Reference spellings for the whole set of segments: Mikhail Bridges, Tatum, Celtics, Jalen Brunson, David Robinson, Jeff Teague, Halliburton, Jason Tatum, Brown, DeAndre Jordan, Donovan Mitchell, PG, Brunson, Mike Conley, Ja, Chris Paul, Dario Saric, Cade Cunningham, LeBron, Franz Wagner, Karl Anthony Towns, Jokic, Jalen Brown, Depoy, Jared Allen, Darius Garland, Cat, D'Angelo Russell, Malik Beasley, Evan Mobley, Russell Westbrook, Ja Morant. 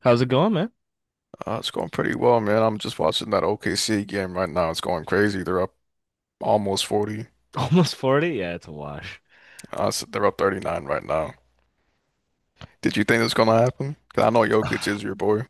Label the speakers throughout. Speaker 1: How's it going, man?
Speaker 2: It's going pretty well, man. I'm just watching that OKC game right now. It's going crazy. They're up almost 40.
Speaker 1: Almost 40? Yeah, it's a wash.
Speaker 2: They're up 39 right now. Did you think this gonna happen? 'Cause I know Jokic is your boy.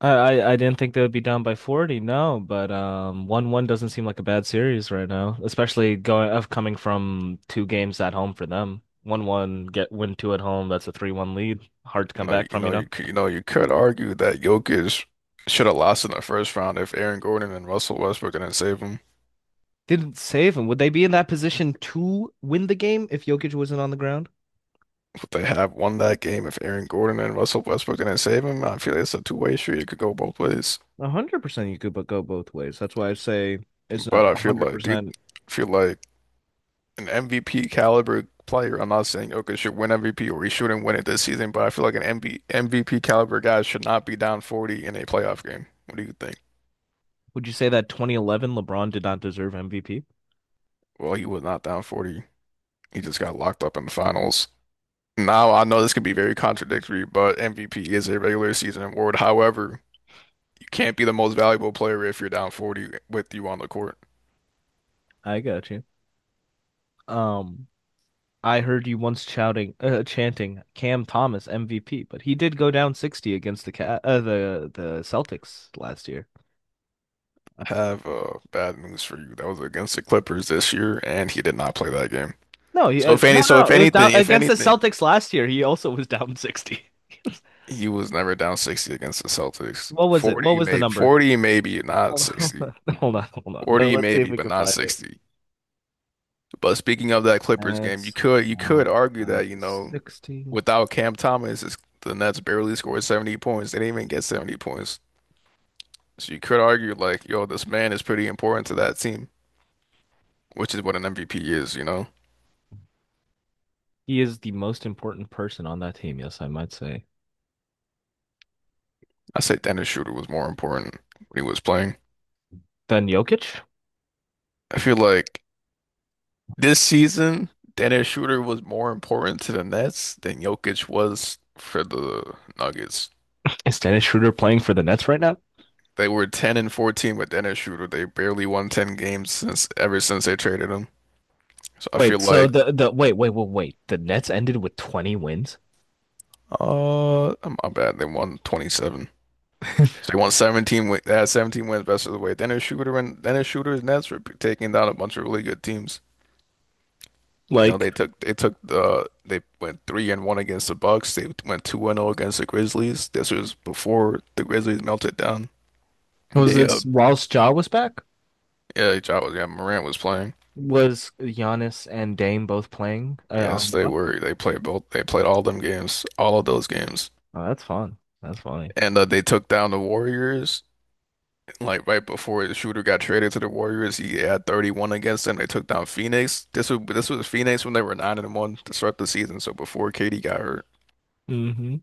Speaker 1: I didn't think they would be down by 40, no, but 1-1 doesn't seem like a bad series right now, especially going of coming from two games at home for them. 1-1 get win two at home, that's a 3-1 lead. Hard to
Speaker 2: You
Speaker 1: come
Speaker 2: know,
Speaker 1: back from, you know.
Speaker 2: you could argue that Jokic should have lost in the first round if Aaron Gordon and Russell Westbrook didn't save him.
Speaker 1: Didn't save them. Would they be in that position to win the game if Jokic wasn't on the ground?
Speaker 2: Would they have won that game if Aaron Gordon and Russell Westbrook didn't save him? I feel like it's a two-way street. It could go both ways.
Speaker 1: 100% you could but go both ways. That's why I say it's
Speaker 2: But
Speaker 1: not
Speaker 2: I feel like, dude,
Speaker 1: 100%.
Speaker 2: I feel like. An MVP caliber player. I'm not saying Jokic should win MVP or he shouldn't win it this season, but I feel like an MB MVP caliber guy should not be down 40 in a playoff game. What do you think?
Speaker 1: Would you say that 2011 LeBron did not deserve MVP?
Speaker 2: Well, he was not down 40. He just got locked up in the finals. Now, I know this could be very contradictory, but MVP is a regular season award. However, you can't be the most valuable player if you're down 40 with you on the court.
Speaker 1: I got you. Um, I heard you once shouting, chanting Cam Thomas MVP, but he did go down 60 against the the Celtics last year.
Speaker 2: I have bad news for you. That was against the Clippers this year, and he did not play that game.
Speaker 1: No,
Speaker 2: So if any,
Speaker 1: no, no,
Speaker 2: so
Speaker 1: no,
Speaker 2: if
Speaker 1: it was down
Speaker 2: anything, if
Speaker 1: against the
Speaker 2: anything,
Speaker 1: Celtics last year. He also was down 60.
Speaker 2: he was never down 60 against the Celtics.
Speaker 1: What was it? What
Speaker 2: 40
Speaker 1: was the
Speaker 2: maybe,
Speaker 1: number?
Speaker 2: 40 maybe, not
Speaker 1: Hold on,
Speaker 2: 60.
Speaker 1: hold on, hold on. Let,
Speaker 2: 40
Speaker 1: us see if
Speaker 2: maybe,
Speaker 1: we
Speaker 2: but
Speaker 1: can
Speaker 2: not
Speaker 1: find it.
Speaker 2: 60. But speaking of that Clippers game, you
Speaker 1: That's
Speaker 2: could you could
Speaker 1: um,
Speaker 2: argue that,
Speaker 1: 60.
Speaker 2: without Cam Thomas, it's, the Nets barely scored 70 points. They didn't even get 70 points. So you could argue like, yo, this man is pretty important to that team, which is what an MVP is.
Speaker 1: He is the most important person on that team, yes, I might say.
Speaker 2: I say Dennis Schroeder was more important when he was playing.
Speaker 1: Then Jokic?
Speaker 2: I feel like this season, Dennis Schroeder was more important to the Nets than Jokic was for the Nuggets.
Speaker 1: Is Dennis Schroeder playing for the Nets right now?
Speaker 2: They were 10-14 with Dennis Schroeder. They barely won 10 games since ever since they traded him. So I feel
Speaker 1: Wait, so
Speaker 2: like
Speaker 1: the wait, wait, wait, wait. The Nets ended with 20 wins?
Speaker 2: uh my bad. They won 27. So they won 17 wins. They had 17 wins best of the way. Dennis Schroeder and Dennis Schroeder's Nets were taking down a bunch of really good teams. You know,
Speaker 1: Like,
Speaker 2: they took the they went 3-1 against the Bucks. They went 2-0 against the Grizzlies. This was before the Grizzlies melted down.
Speaker 1: was
Speaker 2: They
Speaker 1: this whilst Ja was back?
Speaker 2: Yeah, Morant was playing.
Speaker 1: Was Giannis and Dame both playing on
Speaker 2: Yes,
Speaker 1: the
Speaker 2: they
Speaker 1: Bucks?
Speaker 2: were. They played both. They played all of those games,
Speaker 1: Oh, that's fun. That's funny.
Speaker 2: and they took down the Warriors. Like right before the shooter got traded to the Warriors, he had 31 against them. They took down Phoenix. This was Phoenix when they were 9-1 to start the season. So before KD got hurt.
Speaker 1: Mm-hmm.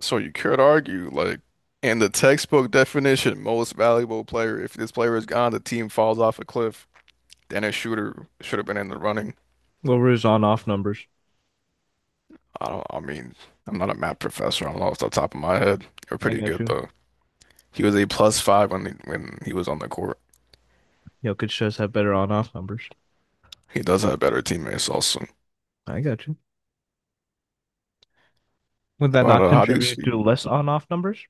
Speaker 2: So you could argue, like, in the textbook definition, most valuable player, if this player is gone, the team falls off a cliff, then a shooter should have been in the running.
Speaker 1: What were his on-off numbers?
Speaker 2: I mean, I'm not a math professor. I don't know off the top of my head. They're
Speaker 1: I
Speaker 2: pretty
Speaker 1: got
Speaker 2: good
Speaker 1: you.
Speaker 2: though. He was a plus five when when he was on the court.
Speaker 1: Jokic does have better on-off numbers.
Speaker 2: He does have better teammates also.
Speaker 1: I got you. Would that
Speaker 2: But
Speaker 1: not
Speaker 2: how do you
Speaker 1: contribute
Speaker 2: see?
Speaker 1: to less on-off numbers?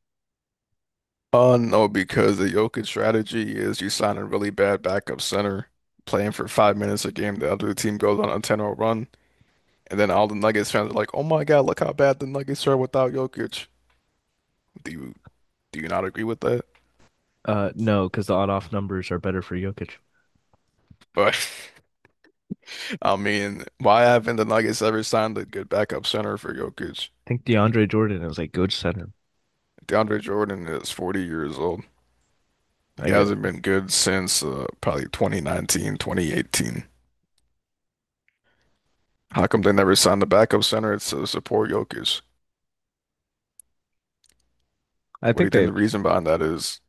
Speaker 2: No, because the Jokic strategy is you sign a really bad backup center, playing for 5 minutes a game. The other team goes on a 10-0 run. And then all the Nuggets fans are like, "Oh my God, look how bad the Nuggets are without Jokic." Do you do you not agree with that?
Speaker 1: No, because the on-off numbers are better for Jokic. I
Speaker 2: But I mean, why haven't the Nuggets ever signed a good backup center for Jokic?
Speaker 1: think DeAndre Jordan is like good center.
Speaker 2: DeAndre Jordan is 40 years old. He
Speaker 1: I get.
Speaker 2: hasn't been good since probably 2019, 2018. How come they never signed the backup center to support Jokic?
Speaker 1: I
Speaker 2: What do
Speaker 1: think
Speaker 2: you think
Speaker 1: they.
Speaker 2: the reason behind that is?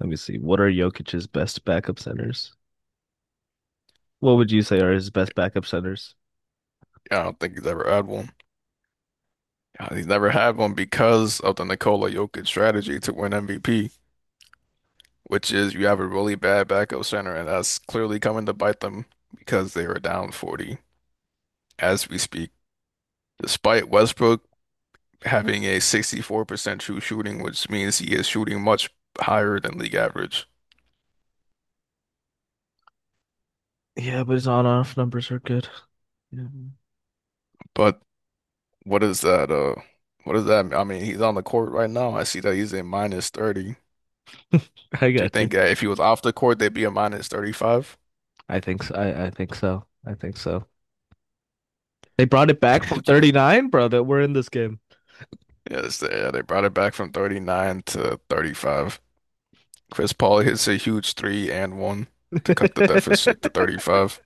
Speaker 1: Let me see. What are Jokic's best backup centers? What would you say are his best backup centers?
Speaker 2: I don't think he's ever had one. He's never had one because of the Nikola Jokic strategy to win MVP, which is you have a really bad backup center, and that's clearly coming to bite them because they are down 40 as we speak. Despite Westbrook having a 64% true shooting, which means he is shooting much higher than league average.
Speaker 1: Yeah, but his on-off numbers are good. Yeah.
Speaker 2: But what is that? What does that mean? I mean, he's on the court right now. I see that he's in minus 30.
Speaker 1: I
Speaker 2: Do you
Speaker 1: got you.
Speaker 2: think that if he was off the court, they'd be a minus 35?
Speaker 1: I think so. I think so. I think so. They brought it back from 39, bro, that we're in this game.
Speaker 2: Yes, they brought it back from 39 to 35. Chris Paul hits a huge three and one to cut the deficit to 35.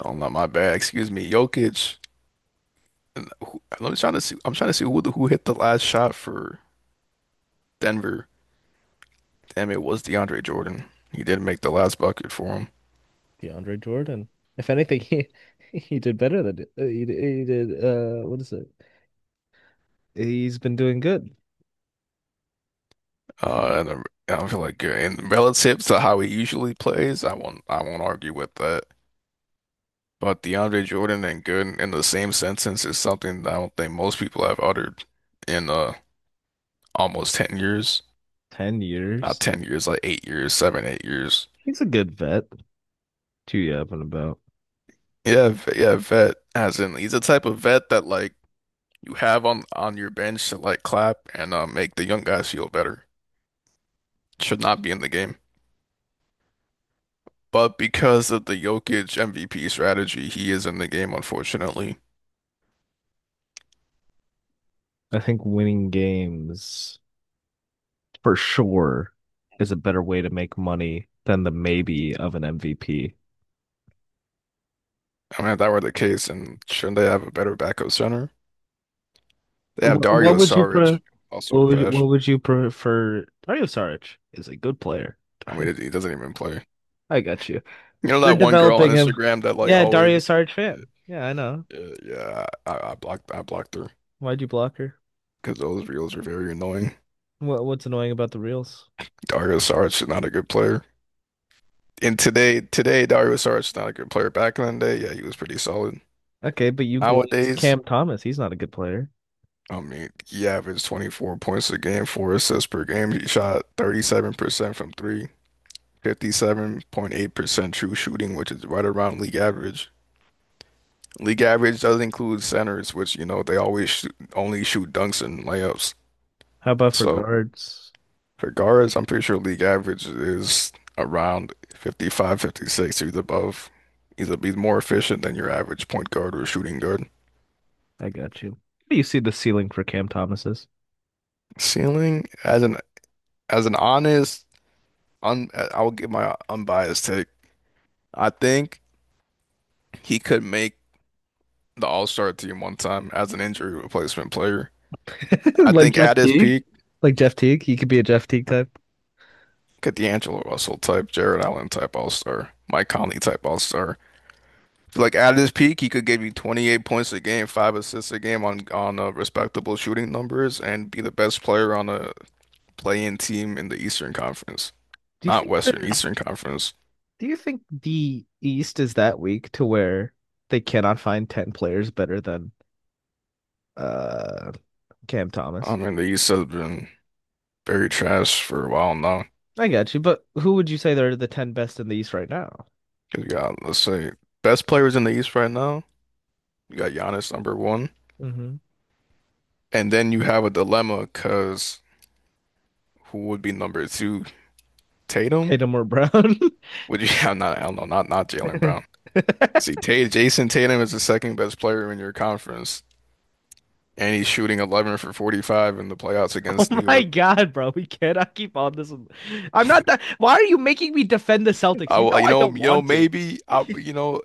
Speaker 2: Oh, not my bad. Excuse me, Jokic. Let me trying to see. I'm trying to see who hit the last shot for Denver. Damn, it was DeAndre Jordan. He did make the last bucket for him.
Speaker 1: DeAndre Jordan. If anything, he did better than he did. What is it? He's been doing good.
Speaker 2: And I feel like in relative to how he usually plays, I won't argue with that. But DeAndre Jordan and Gooden in the same sentence is something that I don't think most people have uttered in almost 10 years.
Speaker 1: 10
Speaker 2: Not
Speaker 1: years.
Speaker 2: 10 years, like 8 years, seven, 8 years.
Speaker 1: He's a good vet. Too yapping about.
Speaker 2: Yeah, vet. As in, he's the type of vet that like you have on your bench to like clap and make the young guys feel better. Should not be in the game, but because of the Jokic MVP strategy, he is in the game, unfortunately.
Speaker 1: I think winning games for sure is a better way to make money than the maybe of an MVP.
Speaker 2: I mean, if that were the case, and shouldn't they have a better backup center? They have
Speaker 1: What, what
Speaker 2: Dario
Speaker 1: would you pre
Speaker 2: Saric, also trash.
Speaker 1: what would you prefer? Dario Saric is a good player.
Speaker 2: I
Speaker 1: Dario-
Speaker 2: mean, he doesn't even play.
Speaker 1: I got you.
Speaker 2: You know
Speaker 1: They're
Speaker 2: that one girl on
Speaker 1: developing him.
Speaker 2: Instagram that like
Speaker 1: Yeah, Dario
Speaker 2: always,
Speaker 1: Saric fan. Yeah, I know.
Speaker 2: yeah, yeah, I blocked her.
Speaker 1: Why'd you block her?
Speaker 2: Because those reels are very annoying.
Speaker 1: What's annoying about the reels?
Speaker 2: Dario Saric is not a good player. And today, Dario Saric is not a good player. Back in the day, yeah, he was pretty solid.
Speaker 1: Okay, but you glazed
Speaker 2: Nowadays,
Speaker 1: Cam Thomas. He's not a good player.
Speaker 2: I mean, he averaged 24 points a game, four assists per game. He shot 37% from three, 57.8% true shooting, which is right around league average. League average does include centers, which, you know, they only shoot dunks and layups.
Speaker 1: How about for
Speaker 2: So
Speaker 1: guards?
Speaker 2: for guards, I'm pretty sure league average is around 55, 56. He's above, either be more efficient than your average point guard or shooting guard.
Speaker 1: I got you. What do you see the ceiling for Cam Thomas is?
Speaker 2: Ceiling, as an honest, I will give my unbiased take. I think he could make the All-Star team one time as an injury replacement player. I
Speaker 1: Like
Speaker 2: think
Speaker 1: Jeff
Speaker 2: at his
Speaker 1: Teague,
Speaker 2: peak,
Speaker 1: like Jeff Teague. He could be a Jeff Teague type.
Speaker 2: could D'Angelo Russell type, Jared Allen type All-Star, Mike Conley type All-Star. Like at his peak, he could give you 28 points a game, five assists a game on respectable shooting numbers, and be the best player on a play-in team in the Eastern Conference,
Speaker 1: Do you
Speaker 2: not
Speaker 1: think
Speaker 2: Western,
Speaker 1: the
Speaker 2: Eastern Conference.
Speaker 1: do you think the East is that weak to where they cannot find 10 players better than uh Cam
Speaker 2: I
Speaker 1: Thomas?
Speaker 2: mean, the East has been very trash for a while now.
Speaker 1: I got you, but who would you say are the 10 best in the East right now?
Speaker 2: 'Cause you got, let's say, best players in the East right now. You got Giannis number one,
Speaker 1: Mm-hmm.
Speaker 2: and then you have a dilemma because who would be number two? Tatum?
Speaker 1: Tatum or Brown?
Speaker 2: Would you have not? I don't know. Not Jalen Brown. See, Tay Jason Tatum is the second best player in your conference, and he's shooting 11 for 45 in the playoffs
Speaker 1: Oh
Speaker 2: against New
Speaker 1: my
Speaker 2: York.
Speaker 1: God, bro. We cannot keep on this. I'm not that. Why are you making me defend the Celtics?
Speaker 2: I
Speaker 1: You
Speaker 2: will,
Speaker 1: know I don't
Speaker 2: you know,
Speaker 1: want to.
Speaker 2: Maybe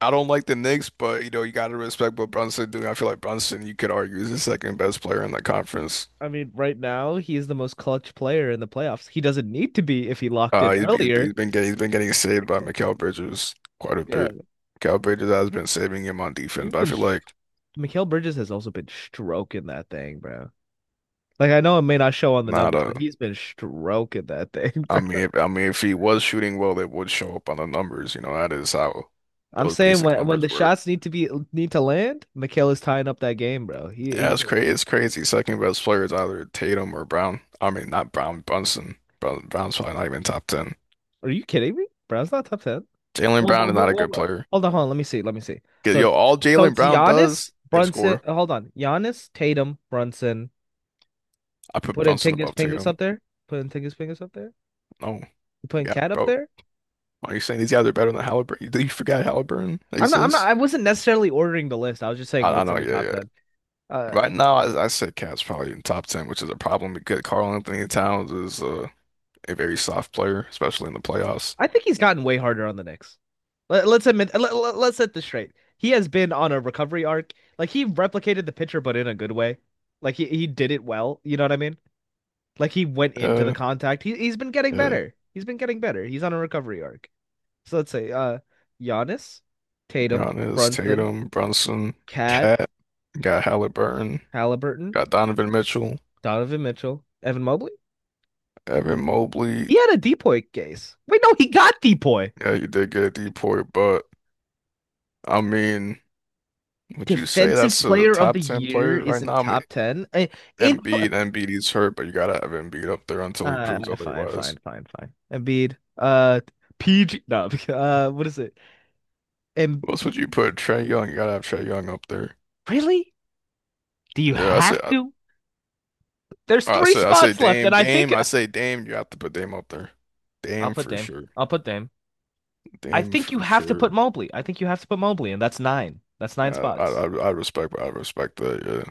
Speaker 2: I don't like the Knicks, but you got to respect what Brunson doing. I feel like Brunson, you could argue, is the second best player in the conference.
Speaker 1: I mean, right now, he is the most clutch player in the playoffs. He doesn't need to be if he locked in earlier.
Speaker 2: He's been getting saved by Mikal Bridges quite a bit.
Speaker 1: Yeah.
Speaker 2: Mikal Bridges has been saving him on defense,
Speaker 1: You've
Speaker 2: but I
Speaker 1: been.
Speaker 2: feel like
Speaker 1: Mikhail Bridges has also been stroking that thing, bro. Like, I know it may not show on the
Speaker 2: not
Speaker 1: numbers,
Speaker 2: a.
Speaker 1: but he's been stroking that thing, bro.
Speaker 2: I mean, if he was shooting well, it would show up on the numbers. You know, that is how
Speaker 1: I'm
Speaker 2: those
Speaker 1: saying
Speaker 2: basic
Speaker 1: when the
Speaker 2: numbers work.
Speaker 1: shots need to land, Mikhail is tying up that game, bro.
Speaker 2: Yeah,
Speaker 1: He
Speaker 2: it's crazy. It's crazy. Second best player is either Tatum or Brown. I mean, not Brown, Brunson. Brown, Brown's probably not even top 10.
Speaker 1: Are you kidding me? Brown's not top 10.
Speaker 2: Jalen
Speaker 1: Well,
Speaker 2: Brown
Speaker 1: well,
Speaker 2: is not
Speaker 1: well,
Speaker 2: a
Speaker 1: well,
Speaker 2: good
Speaker 1: well,
Speaker 2: player.
Speaker 1: hold on, hold on. Let me see. Let me see.
Speaker 2: 'Cause,
Speaker 1: So,
Speaker 2: yo,
Speaker 1: it's-
Speaker 2: all
Speaker 1: so
Speaker 2: Jalen
Speaker 1: it's
Speaker 2: Brown does
Speaker 1: Giannis,
Speaker 2: is
Speaker 1: Brunson.
Speaker 2: score.
Speaker 1: Hold on, Giannis, Tatum, Brunson.
Speaker 2: I
Speaker 1: You
Speaker 2: put
Speaker 1: put in
Speaker 2: Brunson
Speaker 1: Tingus
Speaker 2: above
Speaker 1: Pingus
Speaker 2: Tatum.
Speaker 1: up there. Put in Tingus Pingus up there.
Speaker 2: No,
Speaker 1: You putting
Speaker 2: yeah,
Speaker 1: Cat up
Speaker 2: bro.
Speaker 1: there.
Speaker 2: Why are you saying these guys are better than Halliburton? Do you forget Halliburton
Speaker 1: I'm not. I'm not.
Speaker 2: exists?
Speaker 1: I wasn't necessarily ordering the list. I was just saying
Speaker 2: I
Speaker 1: what's in
Speaker 2: know,
Speaker 1: the
Speaker 2: yeah,
Speaker 1: top
Speaker 2: yeah.
Speaker 1: ten. Uh,
Speaker 2: Right now, I say Cat's probably in top 10, which is a problem because Karl Anthony Towns is a very soft player, especially in the playoffs.
Speaker 1: I think he's gotten way harder on the Knicks. Let's admit. Let's set this straight. He has been on a recovery arc. Like he replicated the pitcher, but in a good way. Like he did it well. You know what I mean? Like he went into the
Speaker 2: Yeah,
Speaker 1: contact. He's been getting
Speaker 2: yeah.
Speaker 1: better. He's been getting better. He's on a recovery arc. So let's say Giannis, Tatum,
Speaker 2: Giannis,
Speaker 1: Brunson,
Speaker 2: Tatum, Brunson,
Speaker 1: Cat,
Speaker 2: Cat. Got Halliburton,
Speaker 1: Halliburton,
Speaker 2: got Donovan Mitchell,
Speaker 1: Donovan Mitchell, Evan Mobley.
Speaker 2: Evan Mobley.
Speaker 1: He had a Depoy case. Wait, no, he got Depoy.
Speaker 2: Yeah, you did get Depoy, but I mean, would you say
Speaker 1: Defensive
Speaker 2: that's a
Speaker 1: player of the
Speaker 2: top 10
Speaker 1: year
Speaker 2: player
Speaker 1: is
Speaker 2: right
Speaker 1: in
Speaker 2: now? I mean,
Speaker 1: top ten. In
Speaker 2: Embiid is hurt, but you gotta have Embiid up there until he proves
Speaker 1: fine,
Speaker 2: otherwise.
Speaker 1: fine, fine, fine. Embiid. PG no, what is it?
Speaker 2: What else
Speaker 1: Embiid
Speaker 2: would you put? Trey Young, you gotta have Trey Young up there.
Speaker 1: really? Do you
Speaker 2: Yeah,
Speaker 1: have to? There's three spots left, and I think
Speaker 2: I say Dame, you have to put Dame up there.
Speaker 1: I'll
Speaker 2: Dame
Speaker 1: put
Speaker 2: for
Speaker 1: Dame.
Speaker 2: sure.
Speaker 1: I'll put Dame. I
Speaker 2: Dame
Speaker 1: think
Speaker 2: for
Speaker 1: you have to
Speaker 2: sure.
Speaker 1: put Mobley. I think you have to put Mobley, and that's nine. That's nine spots.
Speaker 2: I respect that. Yeah.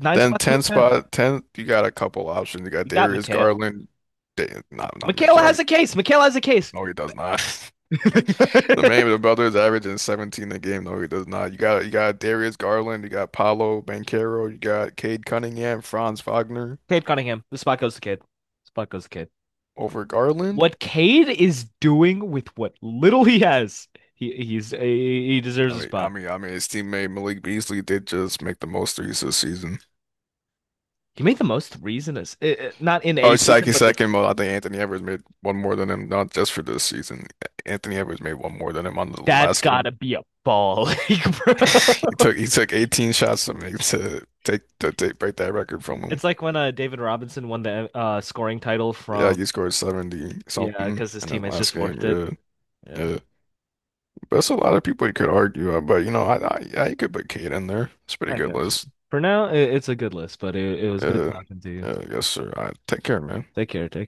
Speaker 1: Nine
Speaker 2: Then
Speaker 1: spot two
Speaker 2: 10
Speaker 1: ten.
Speaker 2: spot 10, you got a couple options. You got
Speaker 1: You got
Speaker 2: Darius
Speaker 1: Mikhail.
Speaker 2: Garland, not
Speaker 1: Mikhail
Speaker 2: Mikal.
Speaker 1: has a case. Mikhail has a case.
Speaker 2: No, he does not. The man with the brothers averaging 17 a game. No, he does not. You got Darius Garland, you got Paolo Banchero, you got Cade Cunningham, Franz Wagner
Speaker 1: Cade Cunningham. The spot goes to Cade. Spot goes to Cade.
Speaker 2: over Garland.
Speaker 1: What Cade is doing with what little he has, he deserves a spot.
Speaker 2: I mean, his teammate Malik Beasley did just make the most threes this season.
Speaker 1: He made the most threes in this, not in
Speaker 2: Oh,
Speaker 1: a
Speaker 2: it's
Speaker 1: season,
Speaker 2: Saki
Speaker 1: but this.
Speaker 2: second, but I think Anthony Edwards made one more than him, not just for this season. Anthony Edwards made one more than him on the
Speaker 1: That's
Speaker 2: last game.
Speaker 1: gotta be a ball league,
Speaker 2: He
Speaker 1: bro.
Speaker 2: took he took 18 shots to make to take break that record from him.
Speaker 1: It's like when David Robinson won the scoring title
Speaker 2: Yeah,
Speaker 1: from
Speaker 2: he scored 70
Speaker 1: Yeah,
Speaker 2: something
Speaker 1: because his
Speaker 2: in the
Speaker 1: teammates just
Speaker 2: last game.
Speaker 1: forced it.
Speaker 2: Yeah,
Speaker 1: Yeah,
Speaker 2: yeah. But that's a lot of people you could argue. But you could put Cade in there. It's a pretty
Speaker 1: I
Speaker 2: good
Speaker 1: got you.
Speaker 2: list.
Speaker 1: For now, it's a good list, but it was good
Speaker 2: Yeah,
Speaker 1: talking to you.
Speaker 2: yeah, yes, sir. I take care, man.
Speaker 1: Take care. Take care.